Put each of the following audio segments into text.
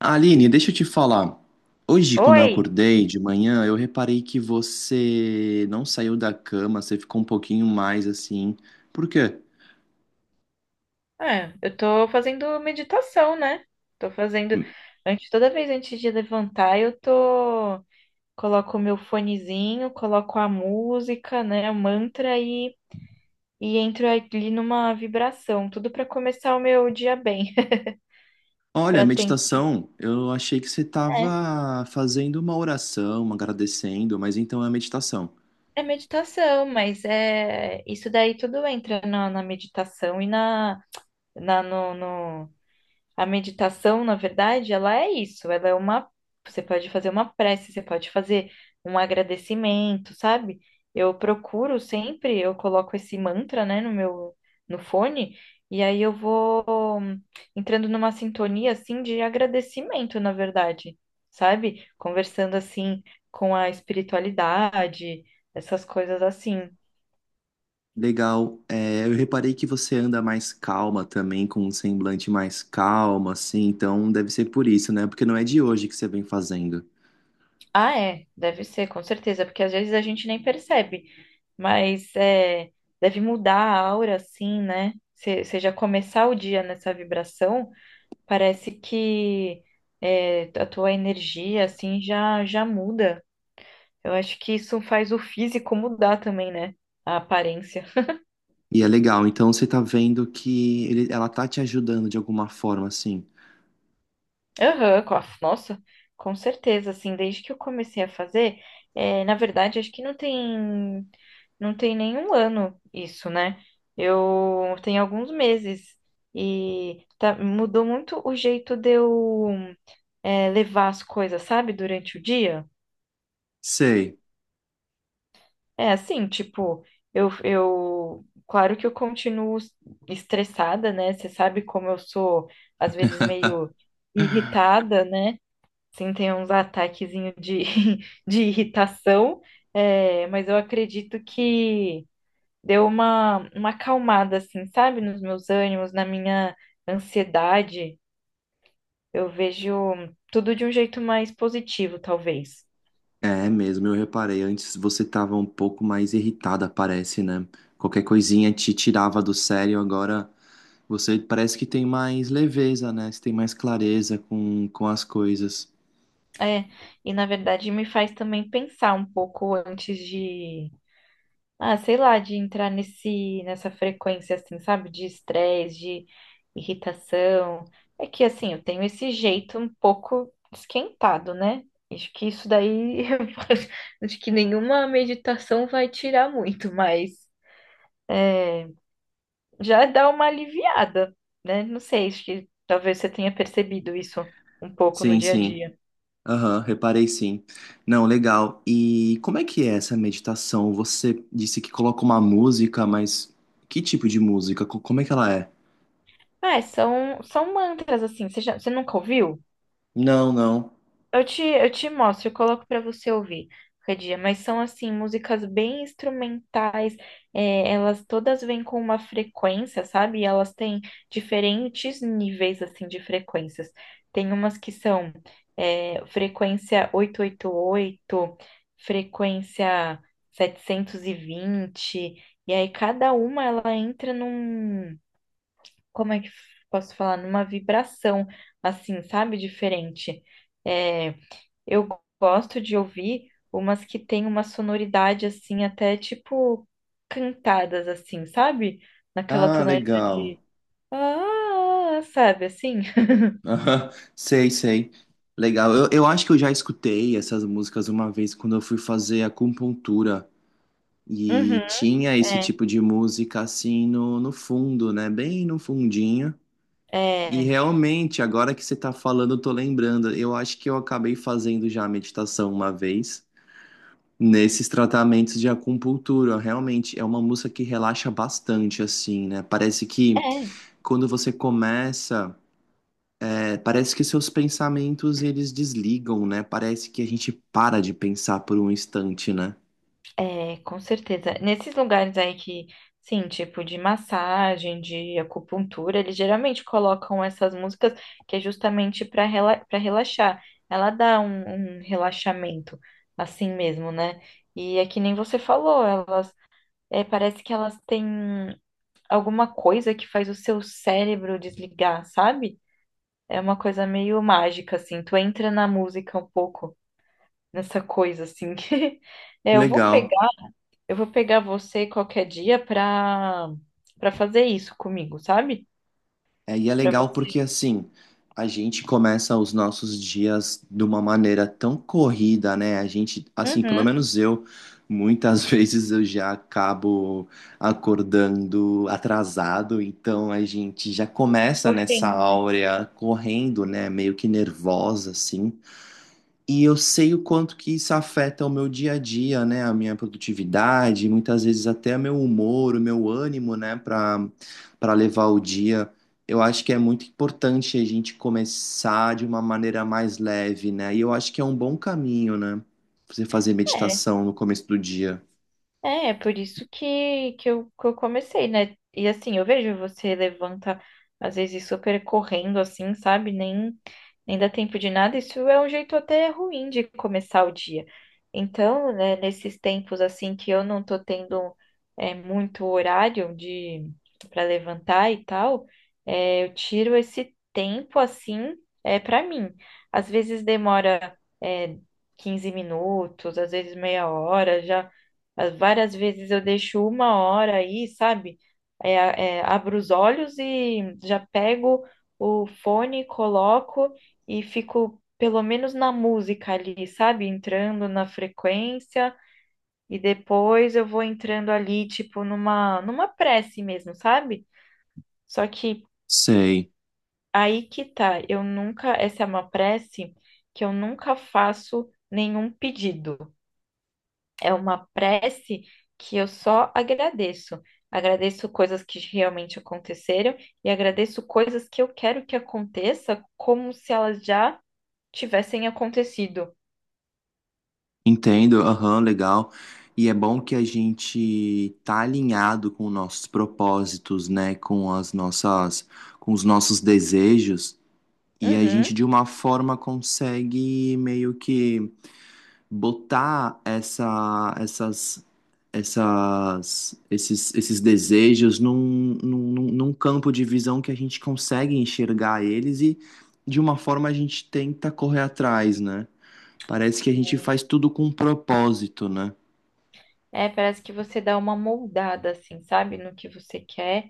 Aline, deixa eu te falar. Hoje, quando eu Oi! acordei de manhã, eu reparei que você não saiu da cama, você ficou um pouquinho mais assim. Por quê? Eu tô fazendo meditação, né? Tô fazendo. Antes, toda vez antes de levantar, eu tô. Coloco o meu fonezinho, coloco a música, né? O mantra e entro ali numa vibração. Tudo pra começar o meu dia bem. Olha, Pra tentar. meditação, eu achei que você É, estava fazendo uma oração, agradecendo, mas então é meditação. é meditação, mas é. Isso daí tudo entra na meditação e na, na, no, no- A meditação, na verdade, ela é isso, ela é uma, você pode fazer uma prece, você pode fazer um agradecimento, sabe? Eu procuro sempre, eu coloco esse mantra, né, no meu, no fone, e aí eu vou entrando numa sintonia, assim, de agradecimento, na verdade, sabe? Conversando, assim, com a espiritualidade, essas coisas assim. Legal. É, eu reparei que você anda mais calma também, com um semblante mais calmo, assim, então deve ser por isso, né? Porque não é de hoje que você vem fazendo. Ah, é, deve ser, com certeza, porque às vezes a gente nem percebe. Mas é, deve mudar a aura, assim, né? Se já começar o dia nessa vibração, parece que a tua energia, assim, já muda. Eu acho que isso faz o físico mudar também, né? A aparência. E é legal, então você tá vendo que ela tá te ajudando de alguma forma, assim. Aham, com nossa, com certeza, assim, desde que eu comecei a fazer, é, na verdade, acho que não tem, não tem nenhum ano isso, né? Eu tenho alguns meses e mudou muito o jeito de eu, levar as coisas, sabe, durante o dia. Sei, É assim, tipo, claro que eu continuo estressada, né? Você sabe como eu sou, às vezes, meio irritada, né? Sim, tem uns de irritação, mas eu acredito que deu uma acalmada, assim, sabe, nos meus ânimos, na minha ansiedade. Eu vejo tudo de um jeito mais positivo, talvez. é mesmo, eu reparei. Antes você tava um pouco mais irritada, parece, né? Qualquer coisinha te tirava do sério, agora você parece que tem mais leveza, né? Você tem mais clareza com as coisas. É, e na verdade me faz também pensar um pouco antes de, ah, sei lá, de entrar nessa frequência, assim, sabe? De estresse, de irritação. É que, assim, eu tenho esse jeito um pouco esquentado, né? Acho que isso daí, eu acho que nenhuma meditação vai tirar muito, mas já dá uma aliviada, né? Não sei, acho que talvez você tenha percebido isso um pouco no Sim, dia a sim. dia. Aham, reparei sim. Não, legal. E como é que é essa meditação? Você disse que coloca uma música, mas que tipo de música? Como é que ela é? Ah, é, são mantras, assim, você nunca ouviu? Não, não. Eu te mostro, eu coloco pra você ouvir qualquer dia, mas são assim, músicas bem instrumentais, é, elas todas vêm com uma frequência, sabe? E elas têm diferentes níveis assim de frequências. Tem umas que são frequência 888, frequência 720, e vinte, e aí cada uma ela entra num, como é que posso falar? Numa vibração, assim, sabe? Diferente. É, eu gosto de ouvir umas que tem uma sonoridade assim, até tipo cantadas assim, sabe? Naquela Ah, tonalidade legal. de ah, sabe assim? Aham, sei, sei. Legal. Eu acho que eu já escutei essas músicas uma vez quando eu fui fazer acupuntura. Uhum, E tinha esse é, tipo de música assim no fundo, né? Bem no fundinho. E é, realmente, agora que você tá falando, eu tô lembrando. Eu acho que eu acabei fazendo já a meditação uma vez nesses tratamentos de acupuntura. Realmente é uma música que relaxa bastante, assim, né? Parece que é, quando você começa. É, parece que seus pensamentos eles desligam, né? Parece que a gente para de pensar por um instante, né? é, com certeza. Nesses lugares aí que, sim, tipo de massagem, de acupuntura, eles geralmente colocam essas músicas que é justamente para rela para relaxar. Ela dá um relaxamento, assim mesmo, né? E é que nem você falou, elas é, parece que elas têm alguma coisa que faz o seu cérebro desligar, sabe? É uma coisa meio mágica, assim. Tu entra na música um pouco, nessa coisa, assim. É, Legal. Eu vou pegar você qualquer dia pra fazer isso comigo, sabe? É, e é Pra legal porque você. assim, a gente começa os nossos dias de uma maneira tão corrida, né? A gente, assim, pelo Uhum. menos eu, muitas vezes eu já acabo acordando atrasado, então a gente já começa nessa Correndo. áurea correndo, né? Meio que nervosa, assim. E eu sei o quanto que isso afeta o meu dia a dia, né? A minha produtividade, muitas vezes até meu humor, o meu ânimo, né? Para levar o dia. Eu acho que é muito importante a gente começar de uma maneira mais leve, né? E eu acho que é um bom caminho, né? Você fazer meditação no começo do dia. É, é por isso que eu comecei, né? E assim, eu vejo você levanta, às vezes, super correndo, assim, sabe? Nem dá tempo de nada. Isso é um jeito até ruim de começar o dia. Então, né, nesses tempos, assim, que eu não tô tendo muito horário de para levantar e tal, é, eu tiro esse tempo, assim, é, para mim. Às vezes demora, é, 15 minutos, às vezes meia hora, já. Várias vezes eu deixo uma hora aí, sabe? É, abro os olhos e já pego o fone, coloco e fico pelo menos na música ali, sabe? Entrando na frequência e depois eu vou entrando ali, tipo, numa prece mesmo, sabe? Só que Sei, aí que tá, eu nunca, essa é uma prece que eu nunca faço nenhum pedido. É uma prece que eu só agradeço. Agradeço coisas que realmente aconteceram e agradeço coisas que eu quero que aconteça como se elas já tivessem acontecido. entendo, aham, legal. E é bom que a gente tá alinhado com nossos propósitos, né? Com as nossas, com os nossos desejos. E a Uhum. gente, de uma forma, consegue meio que botar essa, essas, essas, esses, esses desejos num campo de visão que a gente consegue enxergar eles e, de uma forma, a gente tenta correr atrás, né? Parece que a gente faz tudo com um propósito, né? É, parece que você dá uma moldada, assim, sabe, no que você quer.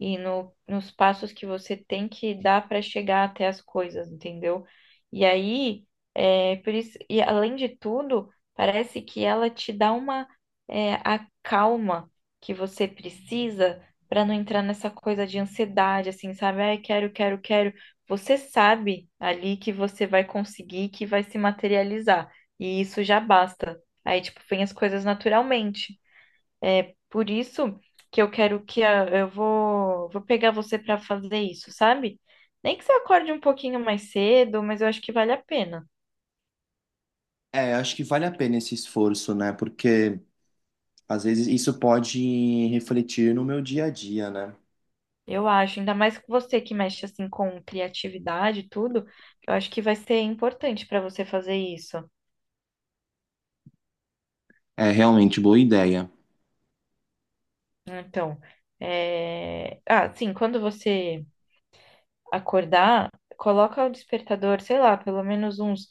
E no, nos passos que você tem que dar para chegar até as coisas, entendeu? E aí, é, por isso, e além de tudo, parece que ela te dá uma é, a calma que você precisa para não entrar nessa coisa de ansiedade, assim, sabe? Ai, quero. Você sabe ali que você vai conseguir, que vai se materializar. E isso já basta. Aí, tipo, vem as coisas naturalmente. Por isso que eu quero que eu vou pegar você para fazer isso, sabe? Nem que você acorde um pouquinho mais cedo, mas eu acho que vale a pena. É, acho que vale a pena esse esforço, né? Porque às vezes isso pode refletir no meu dia a dia, né? Eu acho, ainda mais com você que mexe assim com criatividade e tudo, eu acho que vai ser importante para você fazer isso. É realmente boa ideia. Então, é... ah, sim, quando você acordar, coloca o despertador, sei lá, pelo menos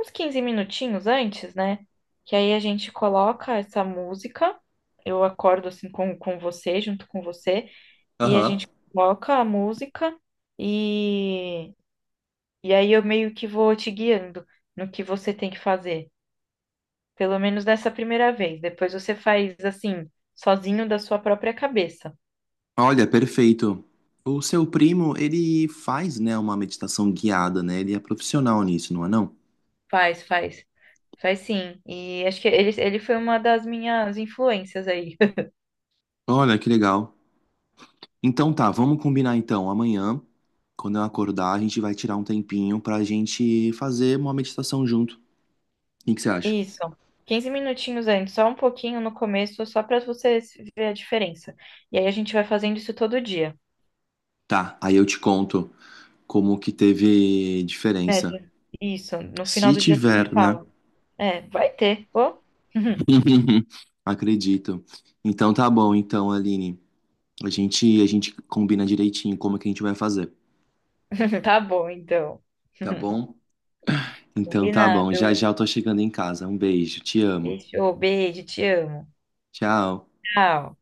uns 15 minutinhos antes, né? Que aí a gente coloca essa música. Eu acordo assim com você, junto com você, e a Aham. gente coloca a música e, e aí eu meio que vou te guiando no que você tem que fazer. Pelo menos nessa primeira vez. Depois você faz assim, sozinho da sua própria cabeça. Olha, perfeito. O seu primo, ele faz, né, uma meditação guiada, né? Ele é profissional nisso, não é não? Faz, faz, faz sim. E acho que ele foi uma das minhas influências aí. Olha, que legal. Então tá, vamos combinar então. Amanhã, quando eu acordar, a gente vai tirar um tempinho pra gente fazer uma meditação junto. O que que você acha? Isso. 15 minutinhos antes, só um pouquinho no começo, só para você ver a diferença. E aí a gente vai fazendo isso todo dia. Tá, aí eu te conto como que teve É, diferença. isso. No final Se do dia você me tiver, né? fala. É, vai ter. Ô? Acredito. Então tá bom, então, Aline. A gente combina direitinho como que a gente vai fazer, Tá bom, então. tá bom? Então tá bom, Combinado. já já eu tô chegando em casa. Um beijo, te amo. Fechou. Beijo, te amo. Tchau. Tchau.